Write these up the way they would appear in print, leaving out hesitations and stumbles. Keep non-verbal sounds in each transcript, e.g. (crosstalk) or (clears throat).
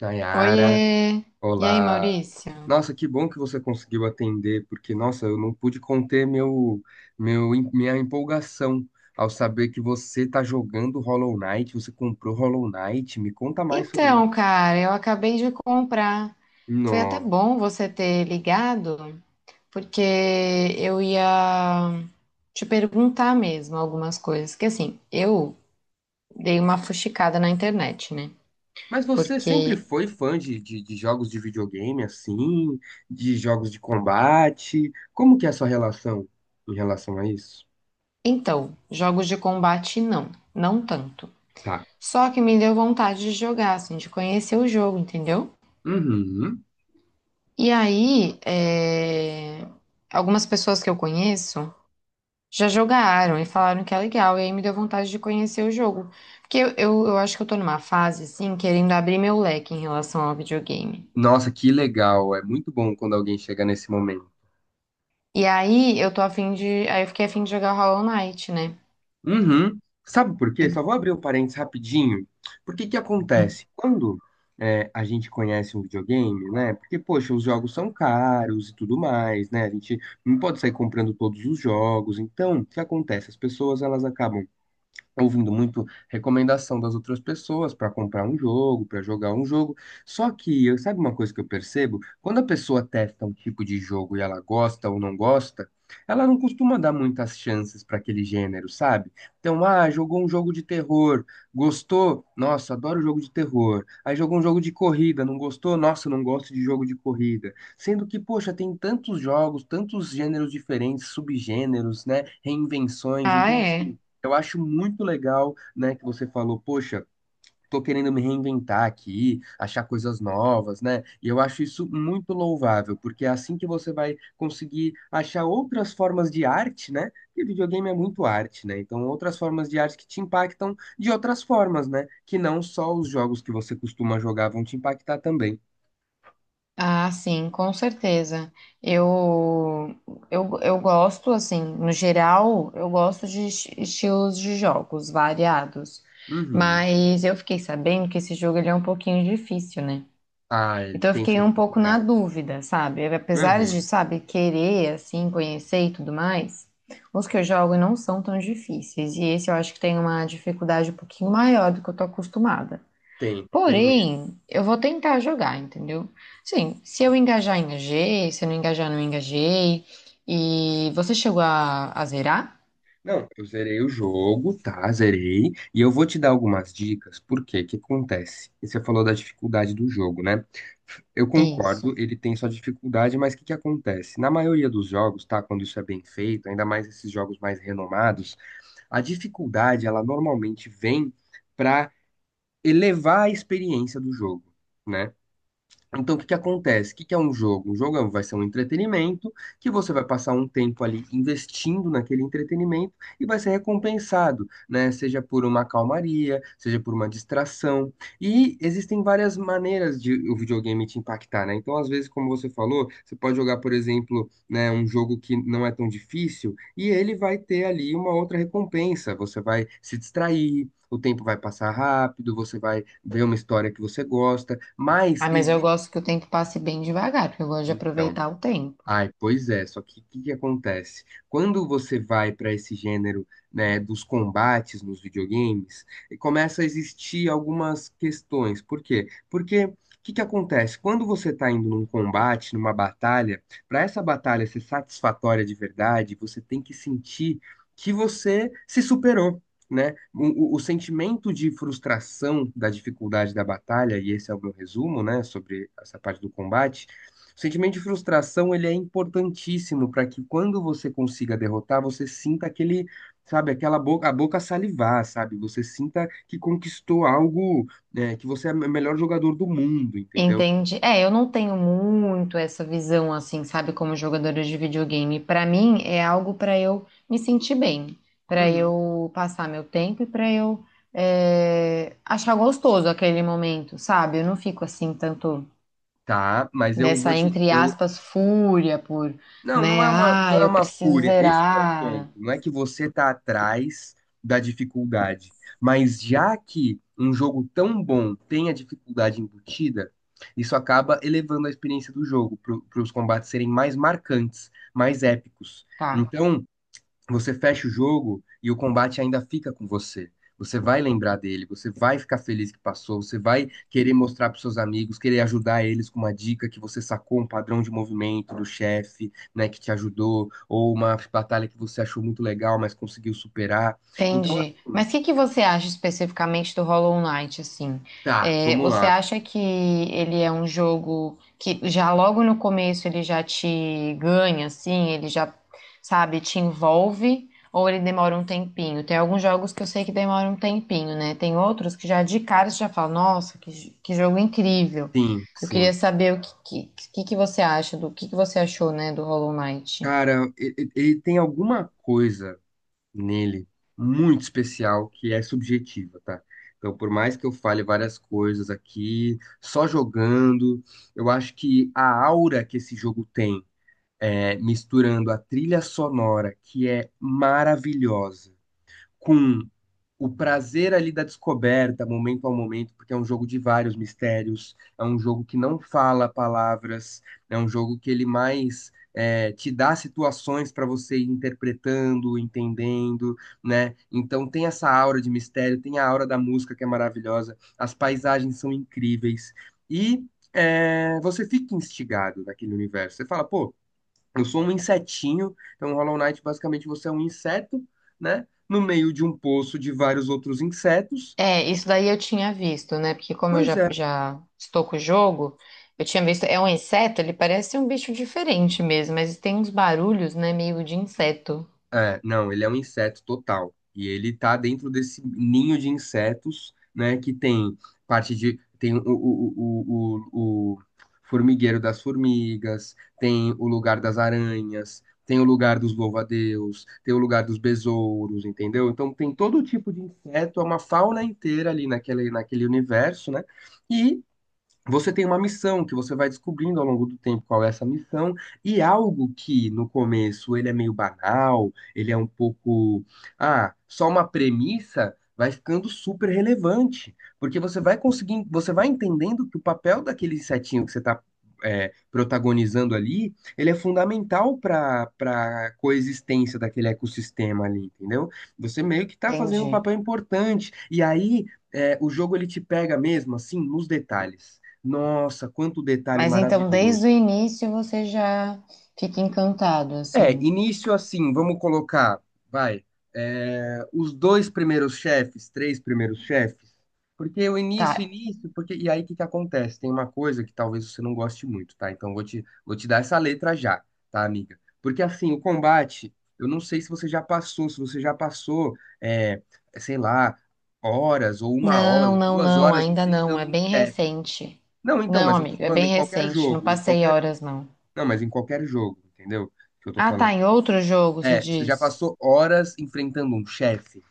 Nayara, Oiê! E aí, olá. Maurício? Nossa, que bom que você conseguiu atender, porque, nossa, eu não pude conter minha empolgação ao saber que você tá jogando Hollow Knight, você comprou Hollow Knight. Me conta mais sobre isso. Então, cara, eu acabei de comprar. Foi até Nossa. bom você ter ligado, porque eu ia te perguntar mesmo algumas coisas. Que assim, eu dei uma fuxicada na internet, né? Mas você sempre Porque, foi fã de jogos de videogame, assim, de jogos de combate? Como que é a sua relação em relação a isso? então, jogos de combate não, não tanto. Tá. Só que me deu vontade de jogar, assim, de conhecer o jogo, entendeu? Uhum. E aí, algumas pessoas que eu conheço já jogaram e falaram que é legal, e aí me deu vontade de conhecer o jogo. Porque eu acho que eu tô numa fase, assim, querendo abrir meu leque em relação ao videogame. Nossa, que legal. É muito bom quando alguém chega nesse momento. E aí eu tô a fim de. Aí eu fiquei a fim de jogar Hollow Knight, né? Uhum. Sabe por quê? Só vou E- abrir o parênteses rapidinho. Porque que acontece? (clears throat) Quando é, a gente conhece um videogame, né? Porque, poxa, os jogos são caros e tudo mais, né? A gente não pode sair comprando todos os jogos. Então, o que acontece? As pessoas, elas acabam tá ouvindo muito recomendação das outras pessoas para comprar um jogo, para jogar um jogo. Só que, sabe uma coisa que eu percebo? Quando a pessoa testa um tipo de jogo e ela gosta ou não gosta, ela não costuma dar muitas chances para aquele gênero, sabe? Então, ah, jogou um jogo de terror, gostou? Nossa, adoro jogo de terror. Aí jogou um jogo de corrida, não gostou? Nossa, não gosto de jogo de corrida. Sendo que, poxa, tem tantos jogos, tantos gêneros diferentes, subgêneros, né? Reinvenções. Ah, Então, é. assim, eu acho muito legal, né, que você falou, poxa, tô querendo me reinventar aqui, achar coisas novas, né? E eu acho isso muito louvável, porque é assim que você vai conseguir achar outras formas de arte, né? Porque videogame é muito arte, né? Então, outras formas de arte que te impactam de outras formas, né? Que não só os jogos que você costuma jogar vão te impactar também. Ah, sim, com certeza. Eu, eu gosto, assim, no geral, eu gosto de estilos de jogos variados. Uhum. Mas eu fiquei sabendo que esse jogo ele é um pouquinho difícil, né? Ah, ele Então eu tem sua fiquei um pouco na dificuldade. dúvida, sabe? Apesar de, Uhum. sabe, querer, assim, conhecer e tudo mais, os que eu jogo não são tão difíceis. E esse eu acho que tem uma dificuldade um pouquinho maior do que eu tô acostumada. Tem, tem mesmo. Porém, eu vou tentar jogar, entendeu? Sim, se eu engajar, engajei. Se eu não engajar, não engajei. E você chegou a zerar? Não, eu zerei o jogo, tá? Zerei. E eu vou te dar algumas dicas. Por quê? O que acontece? Você falou da dificuldade do jogo, né? Eu concordo, Isso. ele tem sua dificuldade, mas o que que acontece? Na maioria dos jogos, tá? Quando isso é bem feito, ainda mais esses jogos mais renomados, a dificuldade, ela normalmente vem para elevar a experiência do jogo. Né? Então, o que que acontece? O que que é um jogo? Um jogo vai ser um entretenimento que você vai passar um tempo ali investindo naquele entretenimento e vai ser recompensado, né? Seja por uma calmaria, seja por uma distração. E existem várias maneiras de o videogame te impactar, né? Então, às vezes, como você falou, você pode jogar, por exemplo, né, um jogo que não é tão difícil e ele vai ter ali uma outra recompensa. Você vai se distrair. O tempo vai passar rápido, você vai ver uma história que você gosta, mas Ah, mas eu existe gosto que o tempo passe bem devagar, porque eu gosto de então, aproveitar o tempo. ai, pois é, só que o que que acontece? Quando você vai para esse gênero, né, dos combates nos videogames, e começa a existir algumas questões. Por quê? Porque o que que acontece? Quando você está indo num combate, numa batalha, para essa batalha ser satisfatória de verdade, você tem que sentir que você se superou. Né? O sentimento de frustração da dificuldade da batalha, e esse é o meu resumo, né, sobre essa parte do combate, o sentimento de frustração, ele é importantíssimo para que quando você consiga derrotar, você sinta aquele, sabe, aquela boca, a boca salivar, sabe? Você sinta que conquistou algo, né, que você é o melhor jogador do mundo, entendeu? Entende É, eu não tenho muito essa visão assim, sabe, como jogadora de videogame. Pra mim é algo pra eu me sentir bem, pra Uhum. eu passar meu tempo e pra eu achar gostoso aquele momento, sabe? Eu não fico assim tanto Tá, mas eu vou nessa te, entre eu, aspas fúria por, não, né? Não Ah, é eu uma preciso fúria. Esse que é o ponto. zerar, Não é que você tá atrás da dificuldade, mas já que um jogo tão bom tem a dificuldade embutida, isso acaba elevando a experiência do jogo para os combates serem mais marcantes, mais épicos. tá? Então, você fecha o jogo e o combate ainda fica com você. Você vai lembrar dele, você vai ficar feliz que passou, você vai querer mostrar para seus amigos, querer ajudar eles com uma dica que você sacou um padrão de movimento do chefe, né, que te ajudou, ou uma batalha que você achou muito legal, mas conseguiu superar. Então, Entendi. assim, Mas o que que você acha especificamente do Hollow Knight, assim? tá, É, vamos você lá. acha que ele é um jogo que já logo no começo ele já te ganha, assim? Ele já, sabe, te envolve? Ou ele demora um tempinho? Tem alguns jogos que eu sei que demoram um tempinho, né? Tem outros que já de cara você já fala, nossa, que jogo incrível. Sim, Eu queria sim. saber o que, que, que você acha, do que você achou, né, do Hollow Knight. Cara, ele tem alguma coisa nele muito especial que é subjetiva, tá? Então, por mais que eu fale várias coisas aqui, só jogando, eu acho que a aura que esse jogo tem, é, misturando a trilha sonora, que é maravilhosa, com o prazer ali da descoberta, momento ao momento, porque é um jogo de vários mistérios, é um jogo que não fala palavras, é um jogo que ele mais é, te dá situações para você ir interpretando, entendendo, né? Então tem essa aura de mistério, tem a aura da música que é maravilhosa, as paisagens são incríveis e é, você fica instigado naquele universo. Você fala, pô, eu sou um insetinho, então Hollow Knight basicamente você é um inseto, né? No meio de um poço de vários outros insetos. É, isso daí eu tinha visto, né? Porque como eu Pois já, é. já estou com o jogo, eu tinha visto. É um inseto, ele parece um bicho diferente mesmo, mas tem uns barulhos, né? Meio de inseto. É, não, ele é um inseto total. E ele tá dentro desse ninho de insetos, né? Que tem parte de. Tem o formigueiro das formigas, tem o lugar das aranhas, tem o lugar dos louva-a-Deus, tem o lugar dos besouros, entendeu? Então tem todo tipo de inseto, é uma fauna inteira ali naquele universo, né? E você tem uma missão que você vai descobrindo ao longo do tempo qual é essa missão, e algo que no começo ele é meio banal, ele é um pouco, ah, só uma premissa, vai ficando super relevante, porque você vai conseguindo, você vai entendendo que o papel daquele insetinho que você está protagonizando ali, ele é fundamental para para coexistência daquele ecossistema ali, entendeu? Você meio que está fazendo um Entendi. papel importante, e aí é, o jogo ele te pega mesmo assim nos detalhes. Nossa, quanto detalhe Mas então, desde maravilhoso. o início você já fica encantado, É, assim. início assim, vamos colocar, vai, é, os dois primeiros chefes, três primeiros chefes, porque o início, Tá. início, porque, e aí o que que acontece? Tem uma coisa que talvez você não goste muito, tá? Então vou te dar essa letra já, tá, amiga? Porque assim, o combate, eu não sei se você já passou, é, sei lá, horas, ou uma hora, Não, ou não, duas não, horas ainda não. É enfrentando um bem chefe. recente. Não, então, Não, mas eu tô amigo, é falando bem em qualquer recente. Não jogo, em passei qualquer horas, não. não, mas em qualquer jogo, entendeu? Que eu tô Ah, tá. falando. Em outro jogo, você É, você já diz? passou horas enfrentando um chefe.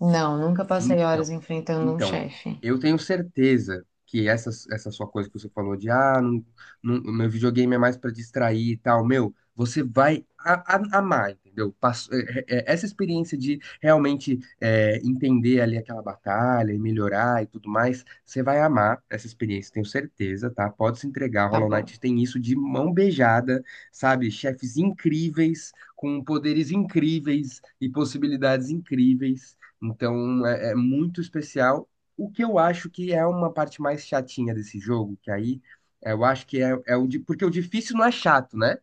Não, nunca passei Então, horas enfrentando um então, chefe. eu tenho certeza que essa sua coisa que você falou de ah, não, meu videogame é mais pra distrair e tal, meu, você vai amar, entendeu? Essa experiência de realmente é, entender ali aquela batalha e melhorar e tudo mais, você vai amar essa experiência, tenho certeza, tá? Pode se entregar, Tá Hollow bom. Knight tem isso de mão beijada, sabe? Chefes incríveis, com poderes incríveis e possibilidades incríveis. Então é, é muito especial. O que eu acho que é uma parte mais chatinha desse jogo, que aí é, eu acho que é o de, porque o difícil não é chato, né?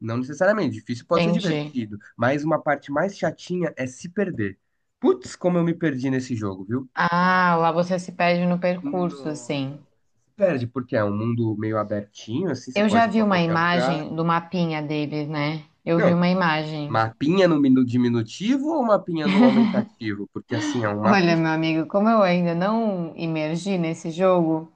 Não necessariamente, difícil pode ser Entendi. divertido, mas uma parte mais chatinha é se perder. Putz, como eu me perdi nesse jogo, viu? Ah, lá você se perde no percurso, Nossa, não. assim. Se perde, porque é um mundo meio abertinho, assim, você Eu pode já ir pra vi uma qualquer lugar. imagem do mapinha deles, né? Eu vi Não, uma imagem. mapinha no diminutivo ou mapinha no aumentativo? Porque assim, é um mapa. Olha, meu amigo, como eu ainda não imergi nesse jogo,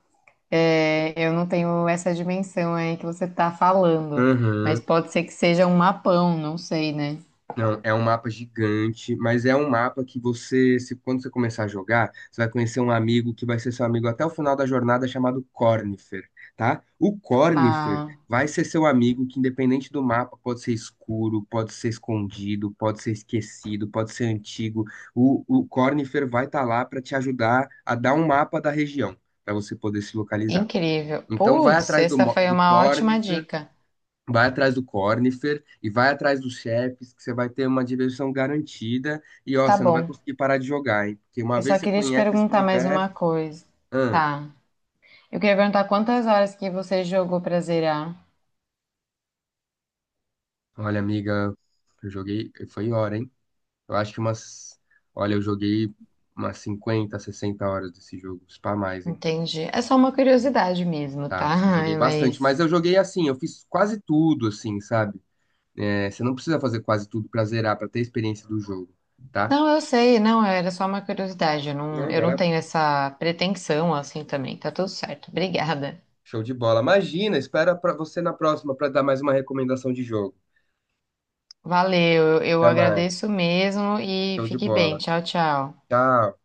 eu não tenho essa dimensão aí que você tá falando. Mas Uhum. pode ser que seja um mapão, não sei, né? Não, é um mapa gigante, mas é um mapa que você, se quando você começar a jogar, você vai conhecer um amigo que vai ser seu amigo até o final da jornada, chamado Cornifer, tá? O Cornifer Ah, vai ser seu amigo que, independente do mapa, pode ser escuro, pode ser escondido, pode ser esquecido, pode ser antigo. O Cornifer vai estar lá para te ajudar a dar um mapa da região, para você poder se localizar. incrível. Então, vai Putz, atrás do, essa foi do uma ótima Cornifer. dica. Vai atrás do Cornifer e vai atrás dos chefes, que você vai ter uma diversão garantida. E ó, Tá você não vai bom. conseguir parar de jogar, hein? Porque uma Eu vez só você queria te conhece esse perguntar mais uma universo. coisa. Hum, Tá. Eu queria perguntar quantas horas que você jogou pra zerar. olha, amiga, eu joguei. Foi hora, hein? Eu acho que umas. Olha, eu joguei umas 50, 60 horas desse jogo. Se pá mais, hein? Entendi. É só uma curiosidade mesmo, tá? Tá, eu joguei Ai, bastante. Mas mas. eu joguei assim, eu fiz quase tudo, assim, sabe? É, você não precisa fazer quase tudo pra zerar, pra ter a experiência do jogo, tá? Não, eu sei, não, era só uma curiosidade. Não, Eu não maravilha. tenho essa pretensão assim também. Tá tudo certo. Obrigada. Show de bola. Imagina, espera para você na próxima para dar mais uma recomendação de jogo. Valeu, eu Até mais. agradeço mesmo e Show de fique bola. bem. Tchau, tchau. Tchau.